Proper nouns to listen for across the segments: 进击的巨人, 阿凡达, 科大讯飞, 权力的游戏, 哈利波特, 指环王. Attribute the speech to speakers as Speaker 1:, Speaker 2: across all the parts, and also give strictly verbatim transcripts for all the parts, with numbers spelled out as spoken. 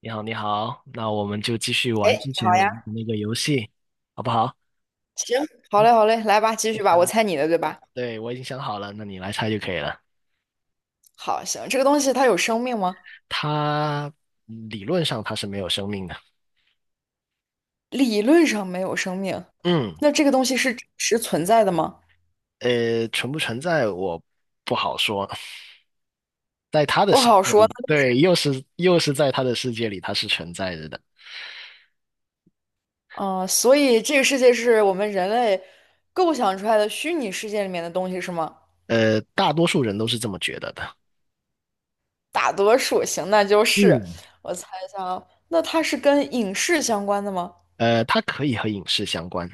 Speaker 1: 你好，你好，那我们就继续
Speaker 2: 哎，
Speaker 1: 玩之
Speaker 2: 好
Speaker 1: 前玩
Speaker 2: 呀，
Speaker 1: 的那个游戏，好不好？
Speaker 2: 行，好
Speaker 1: 嗯，
Speaker 2: 嘞，好嘞，来吧，继
Speaker 1: 我
Speaker 2: 续吧，我
Speaker 1: 想，
Speaker 2: 猜你的，对吧？
Speaker 1: 对，我已经想好了，那你来猜就可以了。
Speaker 2: 好，行，这个东西它有生命吗？
Speaker 1: 它嗯理论上它是没有生命的。
Speaker 2: 理论上没有生命，
Speaker 1: 嗯，
Speaker 2: 那这个东西是真实存在的吗？
Speaker 1: 呃，存不存在我不好说，在它的
Speaker 2: 不
Speaker 1: 世
Speaker 2: 好
Speaker 1: 界
Speaker 2: 说。
Speaker 1: 里，对，又是又是在它的世界里，它是存在着的。
Speaker 2: 嗯、呃所以这个世界是我们人类构想出来的虚拟世界里面的东西是吗？
Speaker 1: 呃，大多数人都是这么觉得的。
Speaker 2: 大多数，行，那就是，
Speaker 1: 嗯，
Speaker 2: 我猜一下啊，那它是跟影视相关的吗？
Speaker 1: 呃，它可以和影视相关。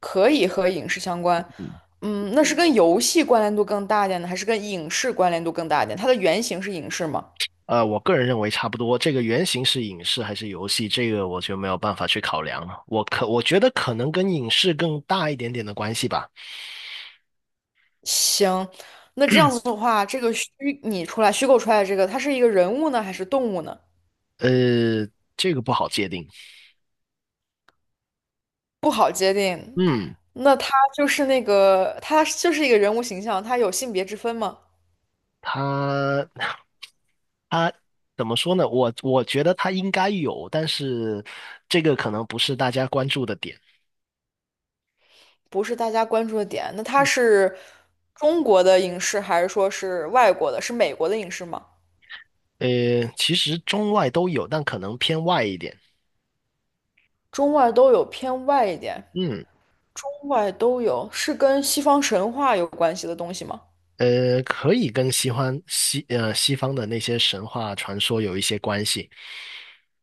Speaker 2: 可以和影视相关。
Speaker 1: 嗯
Speaker 2: 嗯，那是跟游戏关联度更大一点呢，还是跟影视关联度更大一点？它的原型是影视吗？
Speaker 1: 呃，我个人认为差不多。这个原型是影视还是游戏，这个我就没有办法去考量了。我可我觉得可能跟影视更大一点点的关系吧。
Speaker 2: 行，那这样子的话，这个虚拟出来、虚构出来的这个，它是一个人物呢，还是动物呢？
Speaker 1: 呃，这个不好界定。
Speaker 2: 不好界定。
Speaker 1: 嗯，
Speaker 2: 那它就是那个，它就是一个人物形象，它有性别之分吗？
Speaker 1: 它 它怎么说呢？我我觉得它应该有，但是这个可能不是大家关注的点。
Speaker 2: 不是大家关注的点。那它是中国的影视，还是说是外国的？是美国的影视吗？
Speaker 1: 呃，其实中外都有，但可能偏外一点。
Speaker 2: 中外都有，偏外一点。
Speaker 1: 嗯。
Speaker 2: 中外都有，是跟西方神话有关系的东西吗？
Speaker 1: 呃，可以跟西方西呃西方的那些神话传说有一些关系，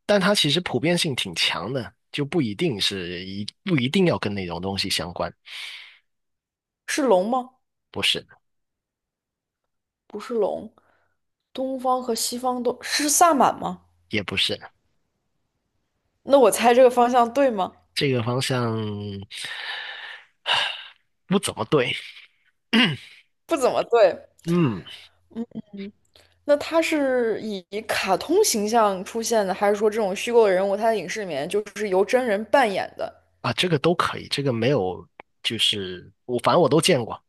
Speaker 1: 但它其实普遍性挺强的，就不一定是一不一定要跟那种东西相关。
Speaker 2: 是龙吗？
Speaker 1: 不是，
Speaker 2: 不是龙。东方和西方都是萨满吗？
Speaker 1: 也不是，
Speaker 2: 那我猜这个方向对吗？
Speaker 1: 这个方向不怎么对。
Speaker 2: 不怎么对。
Speaker 1: 嗯，
Speaker 2: 那他是以卡通形象出现的，还是说这种虚构的人物，他在影视里面就是由真人扮演的？
Speaker 1: 啊，这个都可以，这个没有，就是我反正我都见过。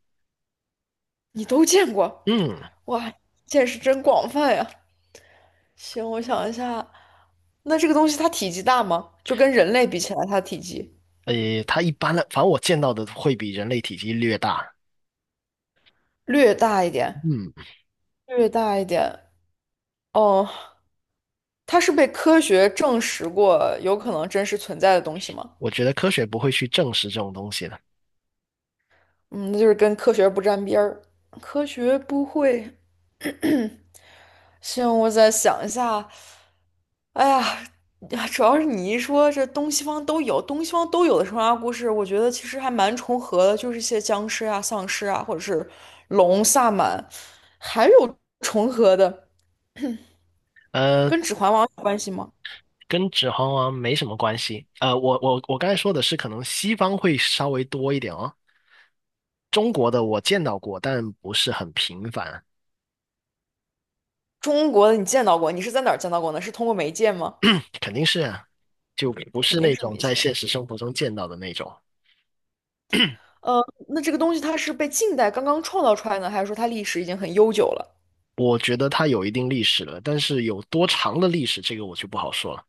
Speaker 2: 你都见过，
Speaker 1: 嗯，
Speaker 2: 哇，见识真广泛呀！行，我想一下，那这个东西它体积大吗？就跟人类比起来，它体积
Speaker 1: 呃，它一般的，反正我见到的会比人类体积略大。
Speaker 2: 略大一点，
Speaker 1: 嗯，
Speaker 2: 略大一点。哦，它是被科学证实过有可能真实存在的东西吗？
Speaker 1: 我觉得科学不会去证实这种东西的。
Speaker 2: 嗯，那就是跟科学不沾边儿，科学不会 行，我再想一下。哎呀，呀主要是你一说这东西方都有，东西方都有的神话故事，我觉得其实还蛮重合的，就是一些僵尸啊、丧尸啊，或者是龙、萨满，还有重合的，
Speaker 1: 呃，
Speaker 2: 跟《指环王》有关系吗？
Speaker 1: 跟指环王没什么关系。呃，我我我刚才说的是，可能西方会稍微多一点哦。中国的我见到过，但不是很频繁。
Speaker 2: 中国的你见到过，你是在哪儿见到过呢？是通过媒介吗？
Speaker 1: 肯定是啊，就不
Speaker 2: 肯
Speaker 1: 是
Speaker 2: 定
Speaker 1: 那
Speaker 2: 是
Speaker 1: 种
Speaker 2: 媒
Speaker 1: 在
Speaker 2: 介。
Speaker 1: 现实生活中见到的那种。
Speaker 2: 呃，那这个东西它是被近代刚刚创造出来呢，还是说它历史已经很悠久了？
Speaker 1: 我觉得它有一定历史了，但是有多长的历史，这个我就不好说了。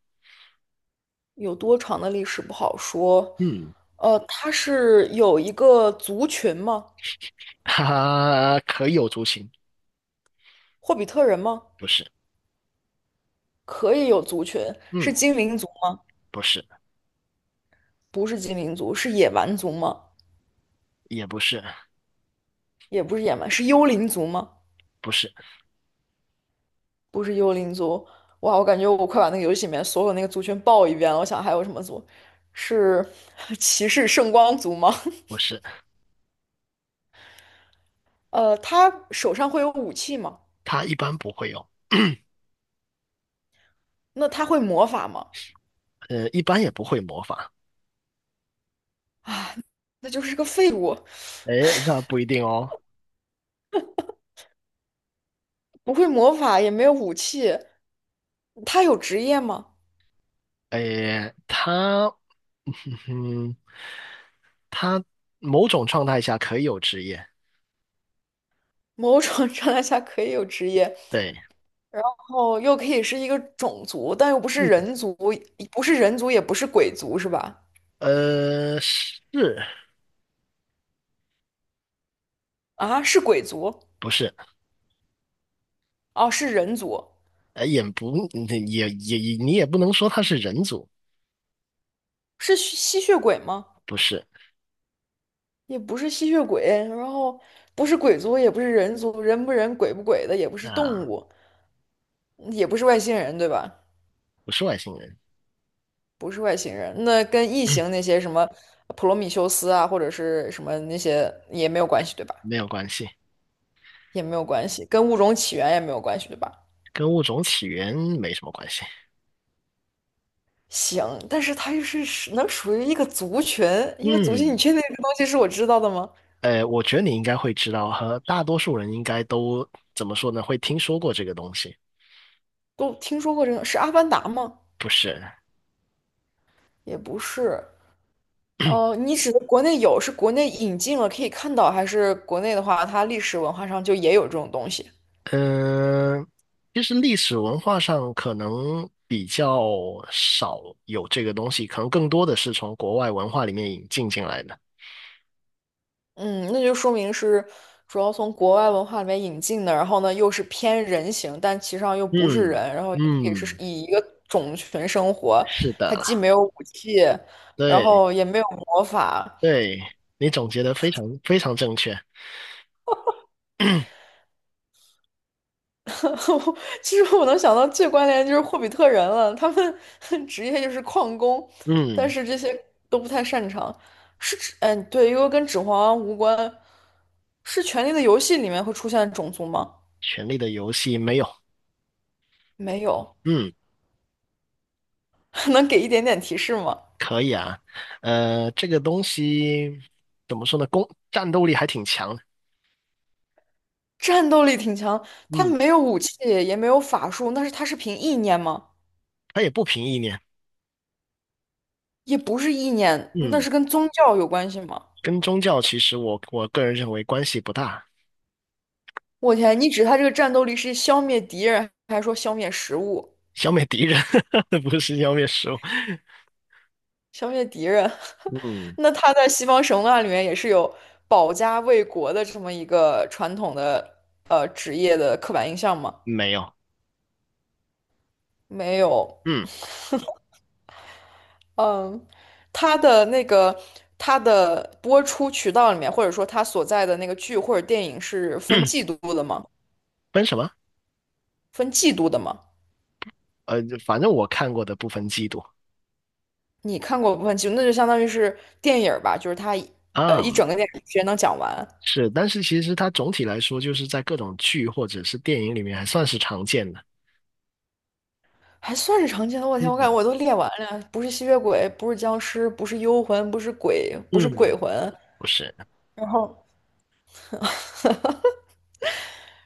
Speaker 2: 有多长的历史不好说。
Speaker 1: 嗯，
Speaker 2: 呃，它是有一个族群吗？
Speaker 1: 哈哈，可有族群？
Speaker 2: 霍比特人吗？
Speaker 1: 不是，
Speaker 2: 可以有族群，是
Speaker 1: 嗯，
Speaker 2: 精灵族吗？
Speaker 1: 不是，
Speaker 2: 不是精灵族，是野蛮族吗？
Speaker 1: 也不是，
Speaker 2: 也不是野蛮，是幽灵族吗？
Speaker 1: 不是，
Speaker 2: 不是幽灵族。哇，我感觉我快把那个游戏里面所有那个族群报一遍了。我想还有什么族？是 骑士圣光族吗？
Speaker 1: 不是，
Speaker 2: 呃，他手上会有武器吗？
Speaker 1: 他一般不会有。
Speaker 2: 那他会魔法吗？
Speaker 1: 呃，一般也不会模仿。
Speaker 2: 啊，那就是个废物，
Speaker 1: 哎，那不一定哦。
Speaker 2: 不会魔法，也没有武器。他有职业吗？
Speaker 1: 哎，他，嗯，某种状态下可以有职业。
Speaker 2: 某种状态下可以有职业，然
Speaker 1: 对。
Speaker 2: 后又可以是一个种族，但又不是
Speaker 1: 嗯。
Speaker 2: 人族，不是人族，也不是鬼族，是吧？
Speaker 1: 呃，是
Speaker 2: 啊，是鬼族，
Speaker 1: 不是？
Speaker 2: 哦，是人族，
Speaker 1: 呃，也不，嗯也也也，你也不能说他是人族。
Speaker 2: 是吸吸血鬼吗？
Speaker 1: 不是
Speaker 2: 也不是吸血鬼，然后不是鬼族，也不是人族，人不人，鬼不鬼的，也不是动
Speaker 1: 啊，
Speaker 2: 物，也不是外星人，对吧？
Speaker 1: 不是外星人。
Speaker 2: 不是外星人，那跟异形那 些什么普罗米修斯啊，或者是什么那些也没有关系，对吧？
Speaker 1: 没有关系，
Speaker 2: 也没有关系，跟物种起源也没有关系，对吧？
Speaker 1: 跟物种起源没什么关系。
Speaker 2: 行，但是它又是属能属于一个族群，一个族群，你
Speaker 1: 嗯，
Speaker 2: 确定这个东西是我知道的吗？
Speaker 1: 呃，我觉得你应该会知道，和大多数人应该都怎么说呢？会听说过这个东西。
Speaker 2: 都听说过这个，是《阿凡达》吗？
Speaker 1: 不是？
Speaker 2: 也不是。呃，你指的国内有，是国内引进了可以看到，还是国内的话，它历史文化上就也有这种东西？
Speaker 1: 嗯、其实历史文化上可能比较少有这个东西，可能更多的是从国外文化里面引进进来的。
Speaker 2: 嗯，那就说明是主要从国外文化里面引进的，然后呢又是偏人形，但其实上又不是
Speaker 1: 嗯，
Speaker 2: 人，然后也是
Speaker 1: 嗯，
Speaker 2: 以一个种群生活，
Speaker 1: 是
Speaker 2: 它
Speaker 1: 的，
Speaker 2: 既没有武器，然
Speaker 1: 对，
Speaker 2: 后也没有魔法。
Speaker 1: 对，你总结的非常非常正确。
Speaker 2: 其实我能想到最关联的就是霍比特人了，他们 职业就是矿工，但
Speaker 1: 嗯，
Speaker 2: 是这些都不太擅长。是指，嗯，对，因为跟《指环王》无关。是《权力的游戏》里面会出现种族吗？
Speaker 1: 《权力的游戏》没有。
Speaker 2: 没有，
Speaker 1: 嗯，
Speaker 2: 能给一点点提示吗？
Speaker 1: 可以啊。呃，这个东西怎么说呢？攻战斗力还挺强的。
Speaker 2: 战斗力挺强，他
Speaker 1: 嗯，
Speaker 2: 没有武器，也没有法术，那是他是凭意念吗？
Speaker 1: 它也不凭意念。
Speaker 2: 也不是意念，那
Speaker 1: 嗯，
Speaker 2: 是跟宗教有关系吗？
Speaker 1: 跟宗教其实我我个人认为关系不大。
Speaker 2: 我天，你指他这个战斗力是消灭敌人，还说消灭食物、
Speaker 1: 消灭敌人 不是消灭食物。
Speaker 2: 消灭敌人？
Speaker 1: 嗯，
Speaker 2: 那他在西方神话里面也是有保家卫国的这么一个传统的呃职业的刻板印象吗？
Speaker 1: 没有。
Speaker 2: 没有。
Speaker 1: 嗯，
Speaker 2: 嗯，他的那个他的播出渠道里面，或者说他所在的那个剧或者电影是分季度 的吗？
Speaker 1: 分什么？
Speaker 2: 分季度的吗？
Speaker 1: 呃，反正我看过的不分季度
Speaker 2: 你看过不分季度那就相当于是电影儿吧，就是他呃一
Speaker 1: 啊。
Speaker 2: 整个电影时间能讲完，
Speaker 1: 是，但是其实它总体来说，就是在各种剧或者是电影里面还算是常见的。
Speaker 2: 还算是常见的。我天，我感觉
Speaker 1: 嗯，
Speaker 2: 我都列完了，不是吸血鬼，不是僵尸，不是幽魂，不是鬼，不是鬼
Speaker 1: 嗯，
Speaker 2: 魂，
Speaker 1: 不是，
Speaker 2: 然后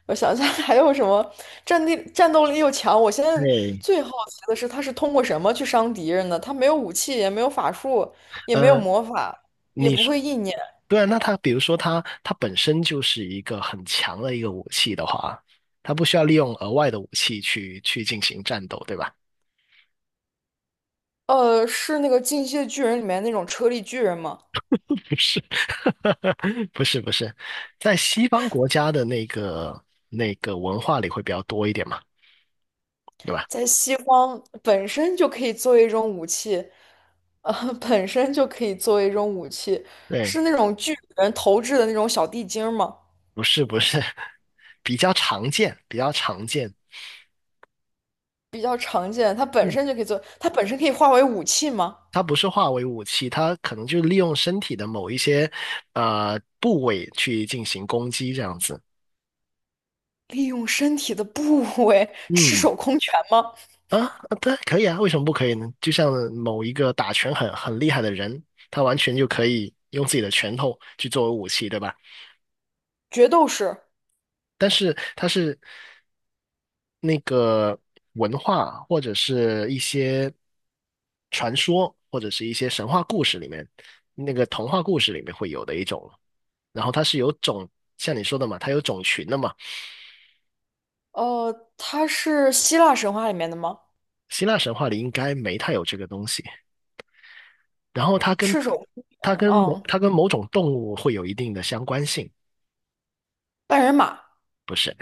Speaker 2: 我想一下还有什么战地战斗力又强？我现在
Speaker 1: 对，
Speaker 2: 最好奇的是，他是通过什么去伤敌人的？他没有武器，也没有法术，也没有
Speaker 1: 呃，
Speaker 2: 魔法，也
Speaker 1: 你
Speaker 2: 不
Speaker 1: 说，
Speaker 2: 会意念。
Speaker 1: 对啊，那它比如说它它本身就是一个很强的一个武器的话，它不需要利用额外的武器去去进行战斗，对吧？
Speaker 2: 呃，是那个《进击的巨人》里面那种车力巨人吗？
Speaker 1: 不是，不是，不是，在西方国家的那个那个文化里会比较多一点嘛，对吧？
Speaker 2: 在西方本身就可以作为一种武器，呃，本身就可以作为一种武器，
Speaker 1: 对，
Speaker 2: 是那种巨人投掷的那种小地精儿吗？
Speaker 1: 不是，不是，比较常见，比较常见。
Speaker 2: 比较常见，它本
Speaker 1: 嗯。
Speaker 2: 身就可以做，它本身可以化为武器吗？
Speaker 1: 它不是化为武器，它可能就利用身体的某一些呃部位去进行攻击这样子。
Speaker 2: 利用身体的部位，赤
Speaker 1: 嗯
Speaker 2: 手空拳吗？
Speaker 1: 啊，啊对，可以啊，为什么不可以呢？就像某一个打拳很很厉害的人，他完全就可以用自己的拳头去作为武器，对吧？
Speaker 2: 决斗士，
Speaker 1: 但是它是那个文化或者是一些传说或者是一些神话故事里面，那个童话故事里面会有的一种。然后它是有种，像你说的嘛，它有种群的嘛。
Speaker 2: 呃，他是希腊神话里面的吗？
Speaker 1: 希腊神话里应该没太有这个东西。然后它跟
Speaker 2: 赤手空
Speaker 1: 它
Speaker 2: 拳，
Speaker 1: 跟某
Speaker 2: 嗯，
Speaker 1: 它跟某种动物会有一定的相关性。
Speaker 2: 半人马。
Speaker 1: 不是？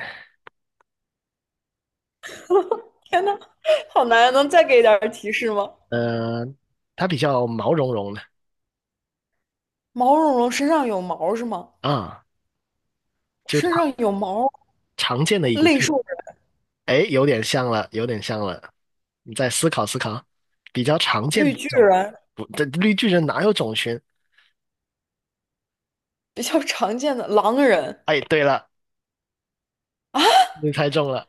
Speaker 2: 天呐，好难啊能再给点儿提示吗？
Speaker 1: 呃，它比较毛茸茸的
Speaker 2: 毛茸茸身上有毛是吗？
Speaker 1: 啊，就常
Speaker 2: 身上有毛，
Speaker 1: 常见的影，
Speaker 2: 类兽人
Speaker 1: 哎，有点像了，有点像了。你再思考思考，比较常见的
Speaker 2: 绿巨
Speaker 1: 种，
Speaker 2: 人，
Speaker 1: 不，这绿巨人哪有种群？
Speaker 2: 比较常见的狼人，
Speaker 1: 哎，对了，你猜中了。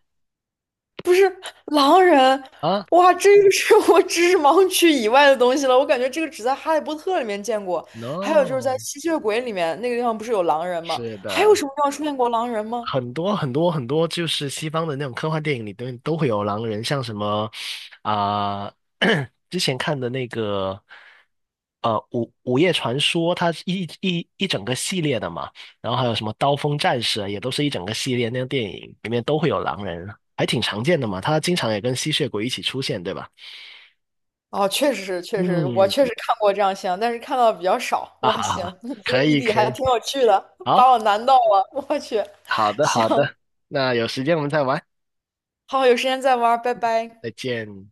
Speaker 2: 狼人，
Speaker 1: 啊
Speaker 2: 哇，这个是我知识盲区以外的东西了。我感觉这个只在《哈利波特》里面见过，还有就是在
Speaker 1: ？No，
Speaker 2: 吸血鬼里面那个地方不是有狼人吗？
Speaker 1: 是
Speaker 2: 还有
Speaker 1: 的。
Speaker 2: 什么地方出现过狼人吗？
Speaker 1: 很多很多很多，就是西方的那种科幻电影里都都会有狼人，像什么啊、之前看的那个呃《午午夜传说》，它是一一一整个系列的嘛，然后还有什么《刀锋战士》啊，也都是一整个系列那个电影里面都会有狼人，还挺常见的嘛。它经常也跟吸血鬼一起出现，对吧？
Speaker 2: 哦，确实是，确实，我
Speaker 1: 嗯，
Speaker 2: 确 实看过这样像，但是看到的比较少。
Speaker 1: 啊
Speaker 2: 哇，
Speaker 1: 哈
Speaker 2: 行，
Speaker 1: 哈，
Speaker 2: 你这
Speaker 1: 可
Speaker 2: 个谜
Speaker 1: 以
Speaker 2: 底
Speaker 1: 可
Speaker 2: 还
Speaker 1: 以，
Speaker 2: 挺有趣的，
Speaker 1: 好，
Speaker 2: 把我难到了。我去，
Speaker 1: 好的
Speaker 2: 行，
Speaker 1: 好的，那有时间我们再玩，
Speaker 2: 好，有时间再玩拜拜。
Speaker 1: 再见。